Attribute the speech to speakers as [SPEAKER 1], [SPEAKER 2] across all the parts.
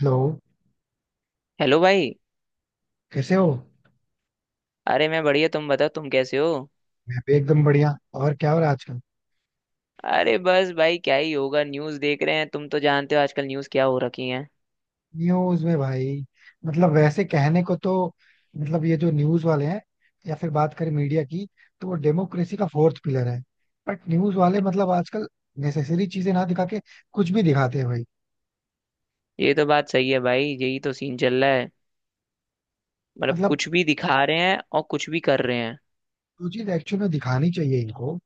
[SPEAKER 1] Hello,
[SPEAKER 2] hello भाई।
[SPEAKER 1] कैसे हो?
[SPEAKER 2] अरे, मैं बढ़िया। तुम बताओ, तुम कैसे हो?
[SPEAKER 1] मैं भी एकदम बढ़िया. और क्या हो रहा है आजकल
[SPEAKER 2] अरे बस भाई, क्या ही होगा। न्यूज़ देख रहे हैं, तुम तो जानते हो आजकल न्यूज़ क्या हो रखी है।
[SPEAKER 1] न्यूज में, भाई? मतलब वैसे कहने को तो मतलब ये जो न्यूज वाले हैं, या फिर बात करें मीडिया की, तो वो डेमोक्रेसी का फोर्थ पिलर है. बट न्यूज वाले मतलब आजकल नेसेसरी चीजें ना दिखा के कुछ भी दिखाते हैं, भाई.
[SPEAKER 2] ये तो बात सही है भाई, यही तो सीन चल रहा है। मतलब
[SPEAKER 1] मतलब
[SPEAKER 2] कुछ भी दिखा रहे हैं और कुछ भी कर रहे हैं।
[SPEAKER 1] जो चीज एक्चुअल में दिखानी चाहिए इनको,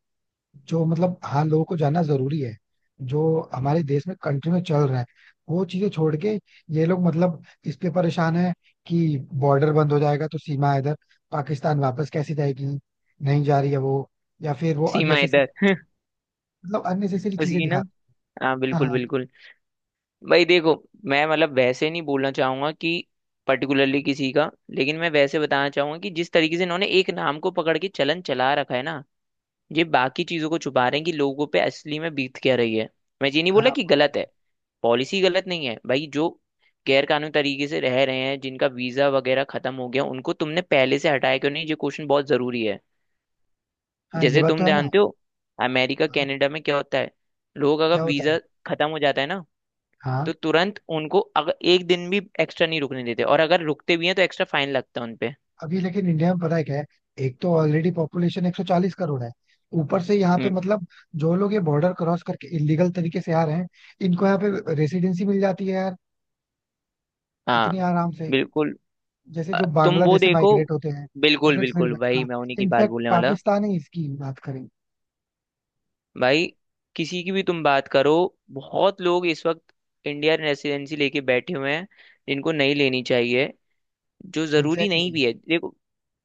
[SPEAKER 1] जो मतलब हाँ लोगों को जानना जरूरी है, जो हमारे देश में कंट्री में चल रहा है, वो चीजें छोड़ के ये लोग मतलब इस पे परेशान है कि बॉर्डर बंद हो जाएगा तो सीमा इधर पाकिस्तान वापस कैसे जाएगी, नहीं जा रही है वो, या फिर वो
[SPEAKER 2] सीमा
[SPEAKER 1] अननेसेसरी
[SPEAKER 2] इधर
[SPEAKER 1] मतलब अननेसेसरी
[SPEAKER 2] उसी
[SPEAKER 1] चीजें
[SPEAKER 2] की
[SPEAKER 1] दिखा.
[SPEAKER 2] ना। हाँ,
[SPEAKER 1] हाँ
[SPEAKER 2] बिल्कुल
[SPEAKER 1] हाँ
[SPEAKER 2] बिल्कुल। भाई देखो, मैं मतलब वैसे नहीं बोलना चाहूंगा कि पर्टिकुलरली किसी का, लेकिन मैं वैसे बताना चाहूंगा कि जिस तरीके से इन्होंने एक नाम को पकड़ के चलन चला रखा है ना, ये बाकी चीजों को छुपा रहे हैं कि लोगों पे असली में बीत क्या रही है। मैं ये नहीं बोला
[SPEAKER 1] हाँ,
[SPEAKER 2] कि
[SPEAKER 1] वो तो
[SPEAKER 2] गलत
[SPEAKER 1] है.
[SPEAKER 2] है। पॉलिसी गलत नहीं है भाई। जो गैर कानूनी तरीके से रह रहे हैं, जिनका वीजा वगैरह खत्म हो गया, उनको तुमने पहले से हटाया क्यों नहीं? ये क्वेश्चन बहुत जरूरी है।
[SPEAKER 1] हाँ, ये
[SPEAKER 2] जैसे
[SPEAKER 1] बात तो
[SPEAKER 2] तुम
[SPEAKER 1] है ना.
[SPEAKER 2] जानते हो अमेरिका
[SPEAKER 1] हाँ,
[SPEAKER 2] कनाडा में क्या होता है। लोग अगर
[SPEAKER 1] क्या होता है?
[SPEAKER 2] वीजा खत्म हो जाता है ना,
[SPEAKER 1] हाँ,
[SPEAKER 2] तो तुरंत उनको अगर एक दिन भी एक्स्ट्रा नहीं रुकने देते, और अगर रुकते भी हैं तो एक्स्ट्रा फाइन लगता है उनपे।
[SPEAKER 1] अभी लेकिन इंडिया में पता है क्या है, एक तो ऑलरेडी पॉपुलेशन 140 करोड़ है. ऊपर से यहाँ पे
[SPEAKER 2] हम्म।
[SPEAKER 1] मतलब जो लोग ये बॉर्डर क्रॉस करके इलीगल तरीके से आ रहे हैं, इनको यहाँ पे रेसिडेंसी मिल जाती है, यार, इतनी
[SPEAKER 2] हाँ,
[SPEAKER 1] आराम से.
[SPEAKER 2] बिल्कुल।
[SPEAKER 1] जैसे जो
[SPEAKER 2] तुम वो
[SPEAKER 1] बांग्लादेश से
[SPEAKER 2] देखो।
[SPEAKER 1] माइग्रेट होते हैं, या
[SPEAKER 2] बिल्कुल
[SPEAKER 1] फिर
[SPEAKER 2] बिल्कुल भाई,
[SPEAKER 1] श्रीलंका,
[SPEAKER 2] मैं उन्हीं की बात
[SPEAKER 1] इनफैक्ट
[SPEAKER 2] बोलने वाला।
[SPEAKER 1] पाकिस्तान ही इसकी बात करें.
[SPEAKER 2] भाई, किसी की भी तुम बात करो, बहुत लोग इस वक्त इंडियन रेसिडेंसी लेके बैठे हुए हैं जिनको नहीं लेनी चाहिए, जो जरूरी नहीं
[SPEAKER 1] एग्जैक्टली.
[SPEAKER 2] भी है। देखो,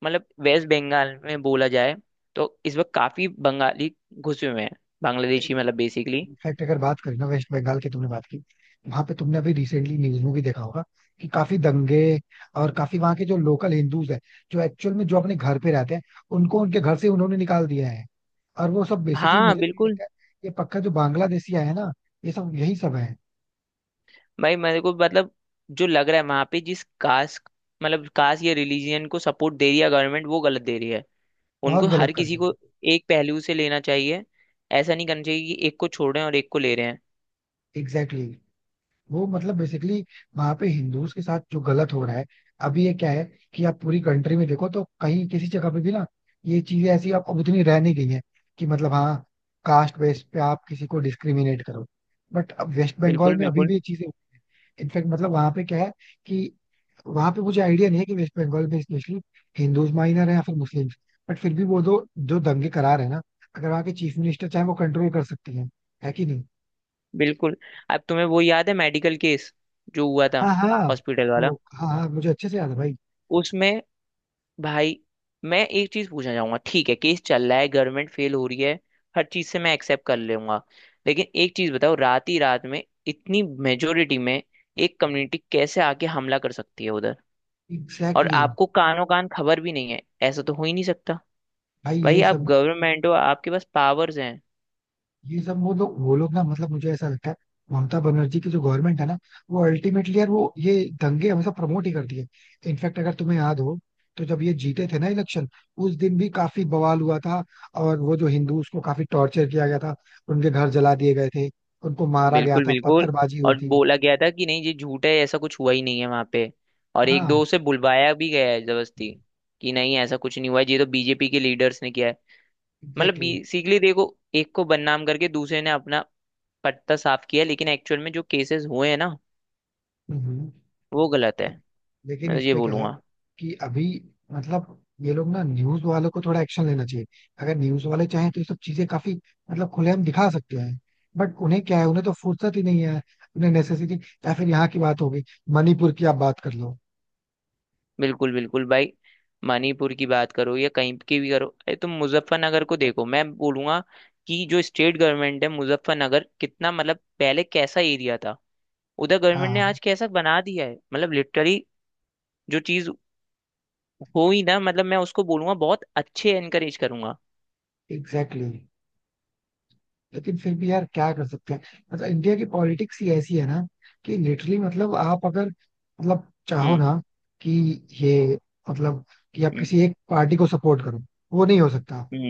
[SPEAKER 2] मतलब वेस्ट बंगाल में बोला जाए तो इस वक्त काफी बंगाली घुसे हुए हैं, बांग्लादेशी मतलब बेसिकली।
[SPEAKER 1] इनफैक्ट अगर बात करें ना वेस्ट बंगाल की, तुमने बात की, वहां पे तुमने अभी रिसेंटली न्यूज में भी देखा होगा कि काफी दंगे और काफी वहां के जो लोकल हिंदूज हैं, जो एक्चुअल में जो अपने घर पे रहते हैं, उनको उनके घर से उन्होंने निकाल दिया है. और वो सब बेसिकली
[SPEAKER 2] हाँ,
[SPEAKER 1] मुझे तो ये
[SPEAKER 2] बिल्कुल।
[SPEAKER 1] लगता है, ये पक्का जो बांग्लादेशी आए हैं ना, ये सब यही सब है.
[SPEAKER 2] भाई मेरे को मतलब जो लग रहा है वहां पे, जिस कास्ट मतलब कास्ट या रिलीजियन को सपोर्ट दे रही है गवर्नमेंट, वो गलत दे रही है।
[SPEAKER 1] बहुत
[SPEAKER 2] उनको
[SPEAKER 1] गलत
[SPEAKER 2] हर
[SPEAKER 1] कर
[SPEAKER 2] किसी
[SPEAKER 1] रहे
[SPEAKER 2] को
[SPEAKER 1] हैं.
[SPEAKER 2] एक पहलू से लेना चाहिए। ऐसा नहीं करना चाहिए कि एक को छोड़ रहे हैं और एक को ले रहे हैं।
[SPEAKER 1] एग्जैक्टली. वो मतलब बेसिकली वहां पे हिंदूज के साथ जो गलत हो रहा है. अभी ये क्या है कि आप पूरी कंट्री में देखो तो कहीं किसी जगह पे भी ना ये चीजें ऐसी अब उतनी रह नहीं गई है कि मतलब हाँ कास्ट बेस पे आप किसी को डिस्क्रिमिनेट करो, बट अब वेस्ट बंगाल
[SPEAKER 2] बिल्कुल,
[SPEAKER 1] में अभी
[SPEAKER 2] बिल्कुल,
[SPEAKER 1] भी ये चीजें. इनफैक्ट मतलब वहां पे क्या है कि वहां पे मुझे आइडिया नहीं है कि वेस्ट बंगाल में स्पेशली हिंदूज माइनर है या फिर मुस्लिम्स, बट फिर भी वो दो जो दंगे करार है ना, अगर वहाँ के चीफ मिनिस्टर चाहे वो कंट्रोल कर सकती हैं, है कि नहीं?
[SPEAKER 2] बिल्कुल। अब तुम्हें वो याद है मेडिकल केस जो हुआ था,
[SPEAKER 1] हाँ हाँ,
[SPEAKER 2] हॉस्पिटल वाला?
[SPEAKER 1] वो हाँ हाँ मुझे अच्छे से याद है, भाई.
[SPEAKER 2] उसमें भाई मैं एक चीज पूछना चाहूंगा, ठीक है। केस चल रहा है, गवर्नमेंट फेल हो रही है, हर चीज से मैं एक्सेप्ट कर लूंगा। लेकिन एक चीज बताओ, रात ही रात में इतनी मेजोरिटी में एक कम्युनिटी कैसे आके हमला कर सकती है उधर? और
[SPEAKER 1] एग्जैक्टली exactly.
[SPEAKER 2] आपको कानों कान खबर भी नहीं है? ऐसा तो हो ही नहीं सकता।
[SPEAKER 1] भाई
[SPEAKER 2] भाई
[SPEAKER 1] ये
[SPEAKER 2] आप
[SPEAKER 1] सब
[SPEAKER 2] गवर्नमेंट हो, आपके पास पावर्स हैं।
[SPEAKER 1] वो लोग ना मतलब मुझे ऐसा लगता है ममता बनर्जी की जो गवर्नमेंट है ना, वो अल्टीमेटली, यार, वो ये दंगे हमेशा प्रमोट ही करती है. इनफैक्ट अगर तुम्हें याद हो, तो जब ये जीते थे ना इलेक्शन, उस दिन भी काफी बवाल हुआ था. और वो जो हिंदू उसको काफी टॉर्चर किया गया था, उनके घर जला दिए गए थे, उनको मारा गया
[SPEAKER 2] बिल्कुल,
[SPEAKER 1] था,
[SPEAKER 2] बिल्कुल।
[SPEAKER 1] पत्थरबाजी हुई
[SPEAKER 2] और
[SPEAKER 1] थी.
[SPEAKER 2] बोला गया था कि नहीं, ये झूठ है, ऐसा कुछ हुआ ही नहीं है वहां पे। और एक
[SPEAKER 1] हाँ
[SPEAKER 2] दो से बुलवाया भी गया है जबरदस्ती कि नहीं, ऐसा कुछ नहीं हुआ है, ये तो बीजेपी के लीडर्स ने किया है। मतलब
[SPEAKER 1] एग्जैक्टली exactly.
[SPEAKER 2] बेसिकली देखो, एक को बदनाम करके दूसरे ने अपना पत्ता साफ किया, लेकिन एक्चुअल में जो केसेस हुए हैं ना,
[SPEAKER 1] हम्म, हम्म।
[SPEAKER 2] वो गलत है।
[SPEAKER 1] ले- लेकिन
[SPEAKER 2] मैं तो ये
[SPEAKER 1] इसपे क्या है
[SPEAKER 2] बोलूंगा।
[SPEAKER 1] कि अभी मतलब ये लोग ना न्यूज वालों को थोड़ा एक्शन लेना चाहिए. अगर न्यूज वाले चाहें तो ये सब चीजें काफी मतलब खुलेआम दिखा सकते हैं, बट उन्हें क्या है, उन्हें तो फुर्सत ही नहीं है. उन्हें नेसेसिटी, या फिर यहाँ की बात होगी मणिपुर की, आप बात कर लो.
[SPEAKER 2] बिल्कुल बिल्कुल भाई, मणिपुर की बात करो या कहीं की भी करो। अरे तुम मुजफ्फरनगर को देखो, मैं बोलूंगा कि जो स्टेट गवर्नमेंट है, मुजफ्फरनगर कितना मतलब पहले कैसा एरिया था, उधर गवर्नमेंट ने
[SPEAKER 1] हाँ
[SPEAKER 2] आज कैसा बना दिया है, मतलब लिटरली। जो चीज हो ही ना, मतलब मैं उसको बोलूंगा, बहुत अच्छे एनकरेज करूंगा।
[SPEAKER 1] Exactly exactly. लेकिन फिर भी, यार, क्या कर सकते हैं? मतलब इंडिया की पॉलिटिक्स ही ऐसी है ना कि लिटरली मतलब आप अगर मतलब चाहो
[SPEAKER 2] हम्म।
[SPEAKER 1] ना कि ये मतलब कि आप
[SPEAKER 2] हम्म।
[SPEAKER 1] किसी एक पार्टी को सपोर्ट करो, वो नहीं हो सकता.
[SPEAKER 2] हम्म।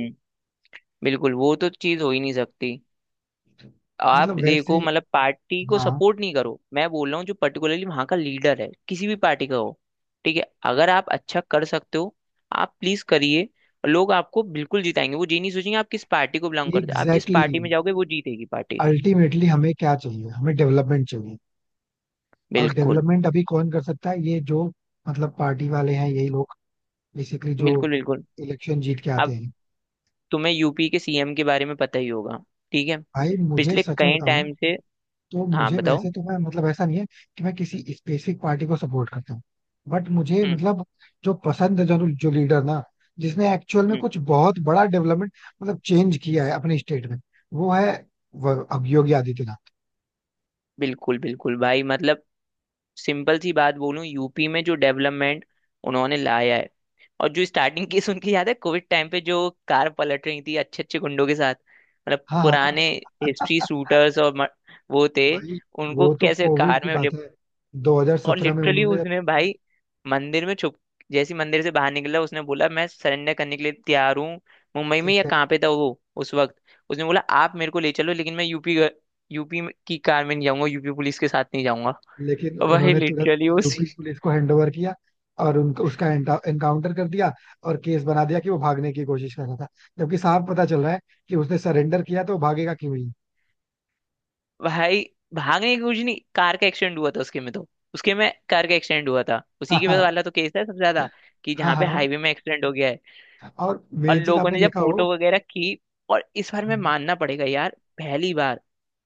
[SPEAKER 2] बिल्कुल, वो तो चीज हो ही नहीं सकती। आप
[SPEAKER 1] मतलब
[SPEAKER 2] देखो,
[SPEAKER 1] वैसे
[SPEAKER 2] मतलब पार्टी को
[SPEAKER 1] हाँ
[SPEAKER 2] सपोर्ट नहीं करो, मैं बोल रहा हूँ जो पर्टिकुलरली वहां का लीडर है किसी भी पार्टी का हो, ठीक है, अगर आप अच्छा कर सकते हो, आप प्लीज करिए। लोग आपको बिल्कुल जिताएंगे, वो ये नहीं सोचेंगे आप किस पार्टी को बिलोंग करते हो। आप जिस
[SPEAKER 1] एग्जैक्टली
[SPEAKER 2] पार्टी में
[SPEAKER 1] exactly,
[SPEAKER 2] जाओगे, वो जीतेगी पार्टी।
[SPEAKER 1] अल्टीमेटली हमें क्या चाहिए, हमें डेवलपमेंट चाहिए. और
[SPEAKER 2] बिल्कुल,
[SPEAKER 1] डेवलपमेंट अभी कौन कर सकता है, ये जो मतलब पार्टी वाले हैं, यही लोग, बेसिकली जो
[SPEAKER 2] बिल्कुल, बिल्कुल।
[SPEAKER 1] इलेक्शन जीत के आते
[SPEAKER 2] आप
[SPEAKER 1] हैं.
[SPEAKER 2] तुम्हें यूपी के सीएम के बारे में पता ही होगा, ठीक है,
[SPEAKER 1] भाई मुझे
[SPEAKER 2] पिछले
[SPEAKER 1] सच में
[SPEAKER 2] कई
[SPEAKER 1] बताऊं ना,
[SPEAKER 2] टाइम से।
[SPEAKER 1] तो
[SPEAKER 2] हाँ,
[SPEAKER 1] मुझे
[SPEAKER 2] बताओ।
[SPEAKER 1] वैसे तो मैं मतलब ऐसा नहीं है कि मैं किसी स्पेसिफिक पार्टी को सपोर्ट करता हूँ, बट मुझे
[SPEAKER 2] हम्म।
[SPEAKER 1] मतलब जो पसंद है, जो जो लीडर ना जिसने एक्चुअल में
[SPEAKER 2] हम्म।
[SPEAKER 1] कुछ बहुत बड़ा डेवलपमेंट मतलब चेंज किया है अपने स्टेट में, वो है अब योगी आदित्यनाथ.
[SPEAKER 2] बिल्कुल, बिल्कुल भाई मतलब, सिंपल सी बात बोलूं, यूपी में जो डेवलपमेंट उन्होंने लाया है। और जो स्टार्टिंग केस उनकी याद है, कोविड टाइम पे जो कार पलट रही थी अच्छे अच्छे गुंडों के साथ, मतलब
[SPEAKER 1] हाँ हाँ,
[SPEAKER 2] पुराने हिस्ट्री शूटर्स, और वो थे,
[SPEAKER 1] भाई
[SPEAKER 2] उनको
[SPEAKER 1] वो तो
[SPEAKER 2] कैसे
[SPEAKER 1] कोविड
[SPEAKER 2] कार
[SPEAKER 1] की
[SPEAKER 2] में ले।
[SPEAKER 1] बात है,
[SPEAKER 2] और
[SPEAKER 1] 2017 में
[SPEAKER 2] लिटरली
[SPEAKER 1] उन्होंने
[SPEAKER 2] उसने भाई मंदिर में छुप, जैसे ही मंदिर से बाहर निकला उसने बोला मैं सरेंडर करने के लिए तैयार हूँ। मुंबई में
[SPEAKER 1] एक
[SPEAKER 2] या
[SPEAKER 1] सेकंड.
[SPEAKER 2] कहाँ पे था वो उस वक्त, उसने बोला आप मेरे को ले चलो, लेकिन मैं यूपी यूपी की कार में नहीं जाऊंगा, यूपी पुलिस के साथ नहीं जाऊंगा।
[SPEAKER 1] लेकिन
[SPEAKER 2] भाई
[SPEAKER 1] उन्होंने तुरंत
[SPEAKER 2] लिटरली
[SPEAKER 1] यूपी
[SPEAKER 2] उसी,
[SPEAKER 1] पुलिस को हैंडओवर किया और उनको उसका एनकाउंटर कर दिया और केस बना दिया कि वो भागने की कोशिश कर रहा था. जबकि साफ पता चल रहा है कि उसने सरेंडर किया, तो वो भागेगा क्यों ही?
[SPEAKER 2] भाई, भागने की कुछ नहीं, कार का एक्सीडेंट हुआ था उसके में तो। उसके में कार का एक्सीडेंट हुआ था, उसी के
[SPEAKER 1] हाँ.
[SPEAKER 2] वाला तो केस है सबसे ज्यादा कि
[SPEAKER 1] हाँ
[SPEAKER 2] जहाँ पे
[SPEAKER 1] हाँ.
[SPEAKER 2] हाईवे में एक्सीडेंट हो गया है।
[SPEAKER 1] हाँ, और
[SPEAKER 2] और
[SPEAKER 1] मेन चीज
[SPEAKER 2] लोगों
[SPEAKER 1] आपने
[SPEAKER 2] ने जब
[SPEAKER 1] देखा
[SPEAKER 2] फोटो वगैरह की, और इस बार मैं
[SPEAKER 1] हो.
[SPEAKER 2] मानना पड़ेगा यार, पहली बार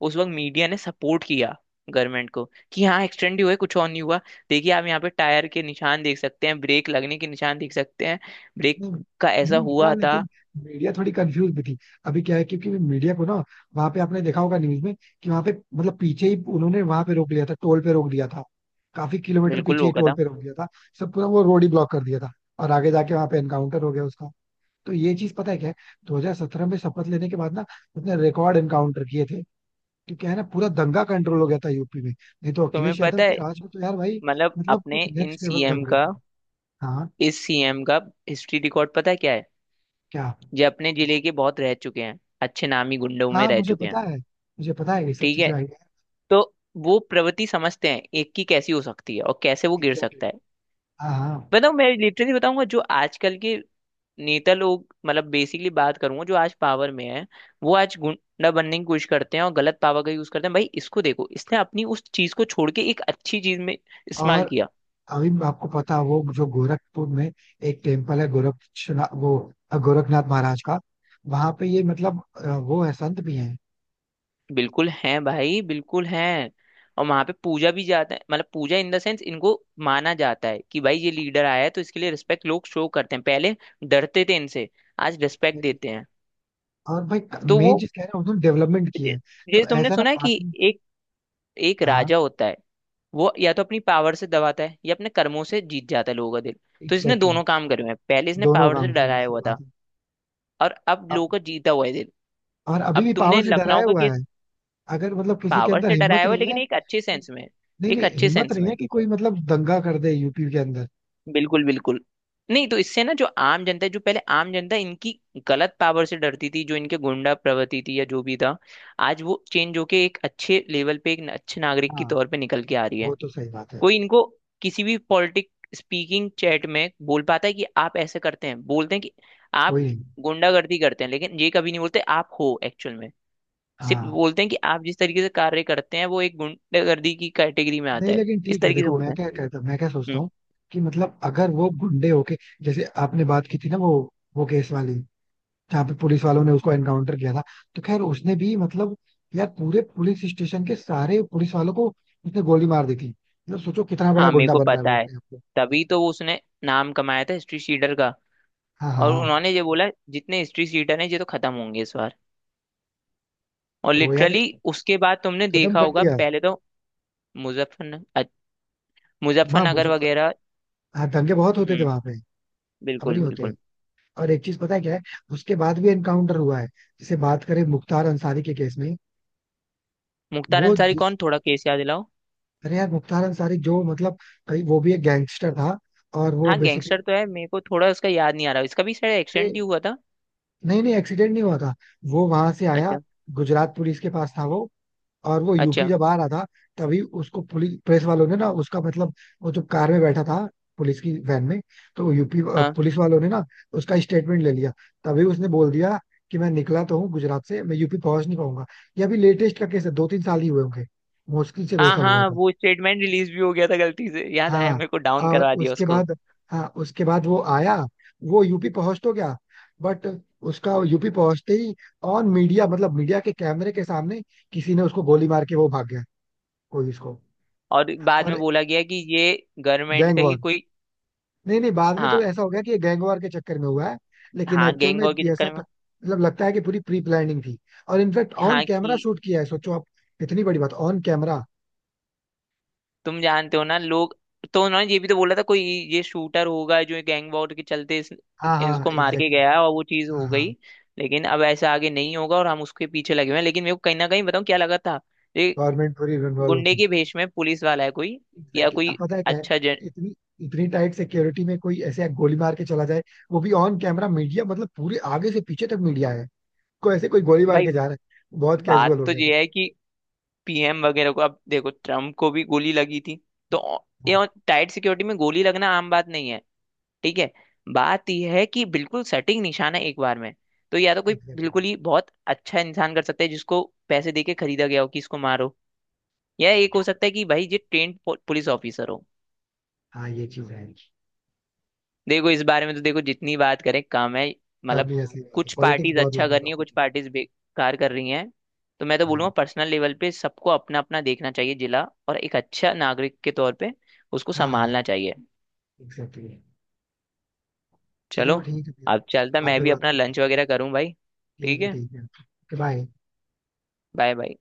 [SPEAKER 2] उस वक्त मीडिया ने सपोर्ट किया गवर्नमेंट को कि हाँ, एक्सीडेंट ही हुआ है, कुछ और नहीं हुआ। देखिए, आप यहाँ पे टायर के निशान देख सकते हैं, ब्रेक लगने के निशान देख सकते हैं। ब्रेक
[SPEAKER 1] नहीं,
[SPEAKER 2] का ऐसा
[SPEAKER 1] मीडिया
[SPEAKER 2] हुआ था,
[SPEAKER 1] लेकिन, मीडिया थोड़ी कंफ्यूज भी थी. अभी क्या है, क्योंकि मीडिया को ना वहां पे आपने देखा होगा न्यूज में कि वहां पे मतलब पीछे ही उन्होंने वहां पे रोक लिया था, टोल पे रोक दिया था, काफी किलोमीटर
[SPEAKER 2] बिल्कुल
[SPEAKER 1] पीछे ही
[SPEAKER 2] वो
[SPEAKER 1] टोल
[SPEAKER 2] था।
[SPEAKER 1] पे रोक दिया था, सब पूरा वो रोड ही ब्लॉक कर दिया था. और आगे जाके वहां पे एनकाउंटर हो गया उसका. तो ये चीज पता है क्या है, 2017 में शपथ लेने के बाद ना उसने रिकॉर्ड एनकाउंटर किए थे. तो क्या है ना, पूरा दंगा कंट्रोल हो गया था यूपी में, नहीं तो
[SPEAKER 2] तुम्हें
[SPEAKER 1] अखिलेश यादव
[SPEAKER 2] पता
[SPEAKER 1] के
[SPEAKER 2] है,
[SPEAKER 1] राज में तो यार भाई
[SPEAKER 2] मतलब
[SPEAKER 1] मतलब
[SPEAKER 2] अपने
[SPEAKER 1] कुछ
[SPEAKER 2] इन
[SPEAKER 1] नेक्स्ट लेवल
[SPEAKER 2] सीएम
[SPEAKER 1] दंगे
[SPEAKER 2] का
[SPEAKER 1] थी. हाँ,
[SPEAKER 2] इस सीएम का हिस्ट्री रिकॉर्ड पता है क्या है?
[SPEAKER 1] क्या?
[SPEAKER 2] ये अपने जिले के बहुत रह चुके हैं, अच्छे नामी गुंडों में
[SPEAKER 1] हाँ
[SPEAKER 2] रह
[SPEAKER 1] मुझे
[SPEAKER 2] चुके हैं,
[SPEAKER 1] पता है, मुझे पता है ये सब
[SPEAKER 2] ठीक है।
[SPEAKER 1] चीजें आई हैं.
[SPEAKER 2] तो वो प्रवृत्ति समझते हैं एक की कैसी हो सकती है और कैसे वो गिर
[SPEAKER 1] एग्जैक्टली.
[SPEAKER 2] सकता है।
[SPEAKER 1] हाँ हाँ.
[SPEAKER 2] बताओ, मैं लिटरली बताऊंगा जो आजकल के नेता लोग, मतलब बेसिकली बात करूंगा, जो आज पावर में है वो आज गुंडा बनने की कोशिश करते हैं और गलत पावर का यूज करते हैं। भाई इसको देखो, इसने अपनी उस चीज को छोड़ के एक अच्छी चीज में इस्तेमाल
[SPEAKER 1] और
[SPEAKER 2] किया।
[SPEAKER 1] अभी आपको पता है, वो जो गोरखपुर में एक टेम्पल है, गोरक्षनाथ, वो गोरखनाथ महाराज का, वहां पे ये मतलब वो है संत भी हैं.
[SPEAKER 2] बिल्कुल है भाई, बिल्कुल है। और वहां पे पूजा भी जाता है, मतलब पूजा इन द सेंस इनको माना जाता है कि भाई ये लीडर आया है तो इसके लिए रिस्पेक्ट लोग शो करते हैं। पहले डरते थे इनसे, आज रिस्पेक्ट
[SPEAKER 1] Exactly.
[SPEAKER 2] देते हैं।
[SPEAKER 1] और भाई
[SPEAKER 2] तो
[SPEAKER 1] मेन
[SPEAKER 2] वो,
[SPEAKER 1] चीज कह रहे हैं उन्होंने डेवलपमेंट की
[SPEAKER 2] ये
[SPEAKER 1] है.
[SPEAKER 2] ये
[SPEAKER 1] तो
[SPEAKER 2] तुमने
[SPEAKER 1] ऐसा ना
[SPEAKER 2] सुना है कि
[SPEAKER 1] बाकी.
[SPEAKER 2] एक एक
[SPEAKER 1] हाँ
[SPEAKER 2] राजा होता है, वो या तो अपनी पावर से दबाता है या अपने कर्मों से जीत जाता है लोगों का दिल। तो इसने
[SPEAKER 1] एग्जैक्टली.
[SPEAKER 2] दोनों काम करे हुए हैं, पहले इसने
[SPEAKER 1] दोनों
[SPEAKER 2] पावर से
[SPEAKER 1] गांव की
[SPEAKER 2] डराया
[SPEAKER 1] वैसी
[SPEAKER 2] हुआ
[SPEAKER 1] बात
[SPEAKER 2] था
[SPEAKER 1] है.
[SPEAKER 2] और अब
[SPEAKER 1] अ-
[SPEAKER 2] लोगों का जीता हुआ है दिल।
[SPEAKER 1] और अभी
[SPEAKER 2] अब
[SPEAKER 1] भी पावर
[SPEAKER 2] तुमने
[SPEAKER 1] से
[SPEAKER 2] लखनऊ
[SPEAKER 1] डराया
[SPEAKER 2] का
[SPEAKER 1] हुआ
[SPEAKER 2] केस,
[SPEAKER 1] है. अगर मतलब किसी के
[SPEAKER 2] पावर
[SPEAKER 1] अंदर
[SPEAKER 2] से डराया
[SPEAKER 1] हिम्मत
[SPEAKER 2] हुआ है
[SPEAKER 1] नहीं
[SPEAKER 2] लेकिन
[SPEAKER 1] है
[SPEAKER 2] एक अच्छे
[SPEAKER 1] कि,
[SPEAKER 2] सेंस में।
[SPEAKER 1] नहीं
[SPEAKER 2] एक
[SPEAKER 1] नहीं,
[SPEAKER 2] अच्छे
[SPEAKER 1] हिम्मत
[SPEAKER 2] सेंस
[SPEAKER 1] नहीं
[SPEAKER 2] में।
[SPEAKER 1] है कि कोई मतलब दंगा कर दे यूपी के अंदर.
[SPEAKER 2] बिल्कुल, बिल्कुल। नहीं तो इससे ना जो आम जनता है, जो पहले आम जनता इनकी गलत पावर से डरती थी, जो इनके गुंडा प्रवृत्ति थी या जो भी था, आज वो चेंज होके एक अच्छे लेवल पे, एक अच्छे नागरिक के
[SPEAKER 1] हाँ,
[SPEAKER 2] तौर पे निकल के आ रही है।
[SPEAKER 1] वो तो सही बात है.
[SPEAKER 2] कोई इनको किसी भी पॉलिटिक स्पीकिंग चैट में बोल पाता है कि आप ऐसे करते हैं, बोलते हैं कि आप
[SPEAKER 1] कोई नहीं.
[SPEAKER 2] गुंडागर्दी करते हैं, लेकिन ये कभी नहीं बोलते आप हो एक्चुअल में। सिर्फ
[SPEAKER 1] हाँ.
[SPEAKER 2] बोलते हैं कि आप जिस तरीके से कार्य करते हैं वो एक गुंडागर्दी की कैटेगरी में आता
[SPEAKER 1] नहीं
[SPEAKER 2] है,
[SPEAKER 1] लेकिन
[SPEAKER 2] इस
[SPEAKER 1] ठीक है,
[SPEAKER 2] तरीके से
[SPEAKER 1] देखो,
[SPEAKER 2] बोलते
[SPEAKER 1] मैं
[SPEAKER 2] हैं।
[SPEAKER 1] क्या कहता, मैं क्या सोचता
[SPEAKER 2] हम्म।
[SPEAKER 1] हूँ कि मतलब अगर वो गुंडे होके, जैसे आपने बात की थी ना, वो केस वाली, जहाँ पे पुलिस वालों ने उसको एनकाउंटर किया था, तो खैर उसने भी मतलब, यार, पूरे पुलिस स्टेशन के सारे पुलिस वालों को उसने गोली मार दी थी. मतलब सोचो कितना बड़ा
[SPEAKER 2] हाँ, मेरे
[SPEAKER 1] गुंडा
[SPEAKER 2] को
[SPEAKER 1] बन रहा है
[SPEAKER 2] पता
[SPEAKER 1] वो
[SPEAKER 2] है।
[SPEAKER 1] अपने आप को.
[SPEAKER 2] तभी तो वो उसने नाम कमाया था हिस्ट्री सीटर का।
[SPEAKER 1] हाँ
[SPEAKER 2] और
[SPEAKER 1] हाँ.
[SPEAKER 2] उन्होंने ये बोला जितने हिस्ट्री सीटर हैं ये तो खत्म होंगे इस बार। और
[SPEAKER 1] तो यार
[SPEAKER 2] लिटरली उसके बाद तुमने
[SPEAKER 1] खत्म
[SPEAKER 2] देखा
[SPEAKER 1] कर
[SPEAKER 2] होगा,
[SPEAKER 1] दिया.
[SPEAKER 2] पहले तो मुजफ्फर
[SPEAKER 1] वहाँ
[SPEAKER 2] मुजफ्फरनगर
[SPEAKER 1] मुजफ्फर,
[SPEAKER 2] वगैरह।
[SPEAKER 1] हाँ दंगे बहुत होते थे
[SPEAKER 2] हम्म।
[SPEAKER 1] वहां पे, अब
[SPEAKER 2] बिल्कुल,
[SPEAKER 1] नहीं होते.
[SPEAKER 2] बिल्कुल।
[SPEAKER 1] और एक चीज पता है क्या है, उसके बाद भी एनकाउंटर हुआ है. जैसे बात करें मुख्तार अंसारी के केस में,
[SPEAKER 2] मुख्तार
[SPEAKER 1] वो
[SPEAKER 2] अंसारी
[SPEAKER 1] जिस,
[SPEAKER 2] कौन? थोड़ा केस याद दिलाओ।
[SPEAKER 1] अरे यार, मुख्तार अंसारी जो मतलब कहीं वो भी एक गैंगस्टर था और वो
[SPEAKER 2] हाँ,
[SPEAKER 1] बेसिकली,
[SPEAKER 2] गैंगस्टर तो है, मेरे को थोड़ा उसका याद नहीं आ रहा, इसका भी शायद
[SPEAKER 1] अरे
[SPEAKER 2] एक्सीडेंट ही हुआ था।
[SPEAKER 1] नहीं नहीं, एक्सीडेंट नहीं हुआ था. वो वहां से आया,
[SPEAKER 2] अच्छा।
[SPEAKER 1] गुजरात पुलिस के पास था वो, और वो यूपी
[SPEAKER 2] अच्छा।
[SPEAKER 1] जब आ रहा था, तभी उसको पुलिस प्रेस वालों ने ना उसका मतलब, वो जो कार में बैठा था, पुलिस की वैन में, तो वो यूपी
[SPEAKER 2] हाँ,
[SPEAKER 1] पुलिस वालों ने ना उसका स्टेटमेंट ले लिया. तभी उसने बोल दिया कि मैं निकला तो हूँ गुजरात से, मैं यूपी पहुंच नहीं पाऊंगा. ये अभी लेटेस्ट का केस है, दो तीन साल ही हुए होंगे, मुश्किल से दो
[SPEAKER 2] हाँ,
[SPEAKER 1] साल हुआ
[SPEAKER 2] हाँ,
[SPEAKER 1] होगा.
[SPEAKER 2] वो स्टेटमेंट रिलीज भी हो गया था, गलती से याद आया
[SPEAKER 1] हाँ,
[SPEAKER 2] मेरे को, डाउन
[SPEAKER 1] और
[SPEAKER 2] करवा दिया
[SPEAKER 1] उसके
[SPEAKER 2] उसको।
[SPEAKER 1] बाद, हाँ उसके बाद वो आया, वो यूपी पहुंच तो गया, बट उसका यूपी पहुंचते ही ऑन मीडिया, मतलब मीडिया के कैमरे के सामने किसी ने उसको गोली मार के वो भाग गया. कोई उसको,
[SPEAKER 2] और बाद में
[SPEAKER 1] और
[SPEAKER 2] बोला गया कि ये गवर्नमेंट
[SPEAKER 1] गैंग
[SPEAKER 2] का ही
[SPEAKER 1] वॉर,
[SPEAKER 2] कोई।
[SPEAKER 1] नहीं नहीं, बाद में तो
[SPEAKER 2] हाँ,
[SPEAKER 1] ऐसा हो गया कि ये गैंग वॉर के चक्कर में हुआ है, लेकिन
[SPEAKER 2] हाँ,
[SPEAKER 1] एक्चुअल
[SPEAKER 2] गैंग
[SPEAKER 1] में
[SPEAKER 2] वॉर के
[SPEAKER 1] ये ऐसा
[SPEAKER 2] चक्कर
[SPEAKER 1] था,
[SPEAKER 2] में।
[SPEAKER 1] मतलब लगता है कि पूरी प्री प्लानिंग थी. और इनफैक्ट ऑन
[SPEAKER 2] हाँ
[SPEAKER 1] कैमरा
[SPEAKER 2] कि,
[SPEAKER 1] शूट किया है, सोचो आप, इतनी बड़ी बात ऑन कैमरा.
[SPEAKER 2] तुम जानते हो ना लोग, तो उन्होंने ये भी तो बोला था कोई ये शूटर होगा जो गैंग वॉर के चलते
[SPEAKER 1] हाँ हाँ
[SPEAKER 2] इसको मार के
[SPEAKER 1] एग्जैक्टली.
[SPEAKER 2] गया और वो चीज
[SPEAKER 1] हाँ
[SPEAKER 2] हो गई।
[SPEAKER 1] हाँ,
[SPEAKER 2] लेकिन अब ऐसा आगे नहीं होगा और हम उसके पीछे लगे हुए हैं। लेकिन मेरे को कहीं ना कहीं बताऊं क्या लगा था, ये
[SPEAKER 1] गवर्नमेंट पूरी इन्वॉल्व
[SPEAKER 2] गुंडे
[SPEAKER 1] होती.
[SPEAKER 2] के भेष में पुलिस वाला है कोई, या
[SPEAKER 1] एग्जैक्टली, अब
[SPEAKER 2] कोई
[SPEAKER 1] पता है क्या है,
[SPEAKER 2] अच्छा जन।
[SPEAKER 1] इतनी इतनी टाइट सिक्योरिटी में कोई ऐसे गोली मार के चला जाए, वो भी ऑन कैमरा, मीडिया मतलब पूरे आगे से पीछे तक मीडिया है, कोई ऐसे कोई गोली मार
[SPEAKER 2] भाई
[SPEAKER 1] के जा रहा है, बहुत कैजुअल
[SPEAKER 2] बात
[SPEAKER 1] हो
[SPEAKER 2] तो
[SPEAKER 1] गया था.
[SPEAKER 2] ये है कि पीएम वगैरह को, अब देखो ट्रम्प को भी गोली लगी थी, तो ये
[SPEAKER 1] हाँ
[SPEAKER 2] टाइट सिक्योरिटी में गोली लगना आम बात नहीं है, ठीक है। बात यह है कि बिल्कुल सटीक निशाना एक बार में, तो या तो कोई
[SPEAKER 1] एग्जैक्टली.
[SPEAKER 2] बिल्कुल ही बहुत अच्छा इंसान कर सकता है जिसको पैसे देके खरीदा गया हो कि इसको मारो, या एक हो सकता है कि भाई ये ट्रेंड पुलिस ऑफिसर हो।
[SPEAKER 1] हाँ, ये चीज है.
[SPEAKER 2] देखो, इस बारे में तो देखो जितनी बात करें कम है। मतलब
[SPEAKER 1] काफी ऐसी बात है,
[SPEAKER 2] कुछ
[SPEAKER 1] पॉलिटिक्स
[SPEAKER 2] पार्टीज
[SPEAKER 1] बहुत
[SPEAKER 2] अच्छा
[SPEAKER 1] लंबा
[SPEAKER 2] कर रही है,
[SPEAKER 1] टॉपिक
[SPEAKER 2] कुछ
[SPEAKER 1] है.
[SPEAKER 2] पार्टीज बेकार कर रही हैं। तो मैं तो बोलूंगा
[SPEAKER 1] हाँ
[SPEAKER 2] पर्सनल लेवल पे सबको अपना अपना देखना चाहिए जिला, और एक अच्छा नागरिक के तौर पे उसको
[SPEAKER 1] हाँ
[SPEAKER 2] संभालना चाहिए।
[SPEAKER 1] एग्जैक्टली.
[SPEAKER 2] चलो,
[SPEAKER 1] चलो ठीक है फिर,
[SPEAKER 2] अब चलता,
[SPEAKER 1] बाद
[SPEAKER 2] मैं
[SPEAKER 1] में
[SPEAKER 2] भी
[SPEAKER 1] बात
[SPEAKER 2] अपना
[SPEAKER 1] करते हैं.
[SPEAKER 2] लंच वगैरह करूं भाई।
[SPEAKER 1] ठीक
[SPEAKER 2] ठीक
[SPEAKER 1] है,
[SPEAKER 2] है।
[SPEAKER 1] ठीक है, बाय.
[SPEAKER 2] Bye bye.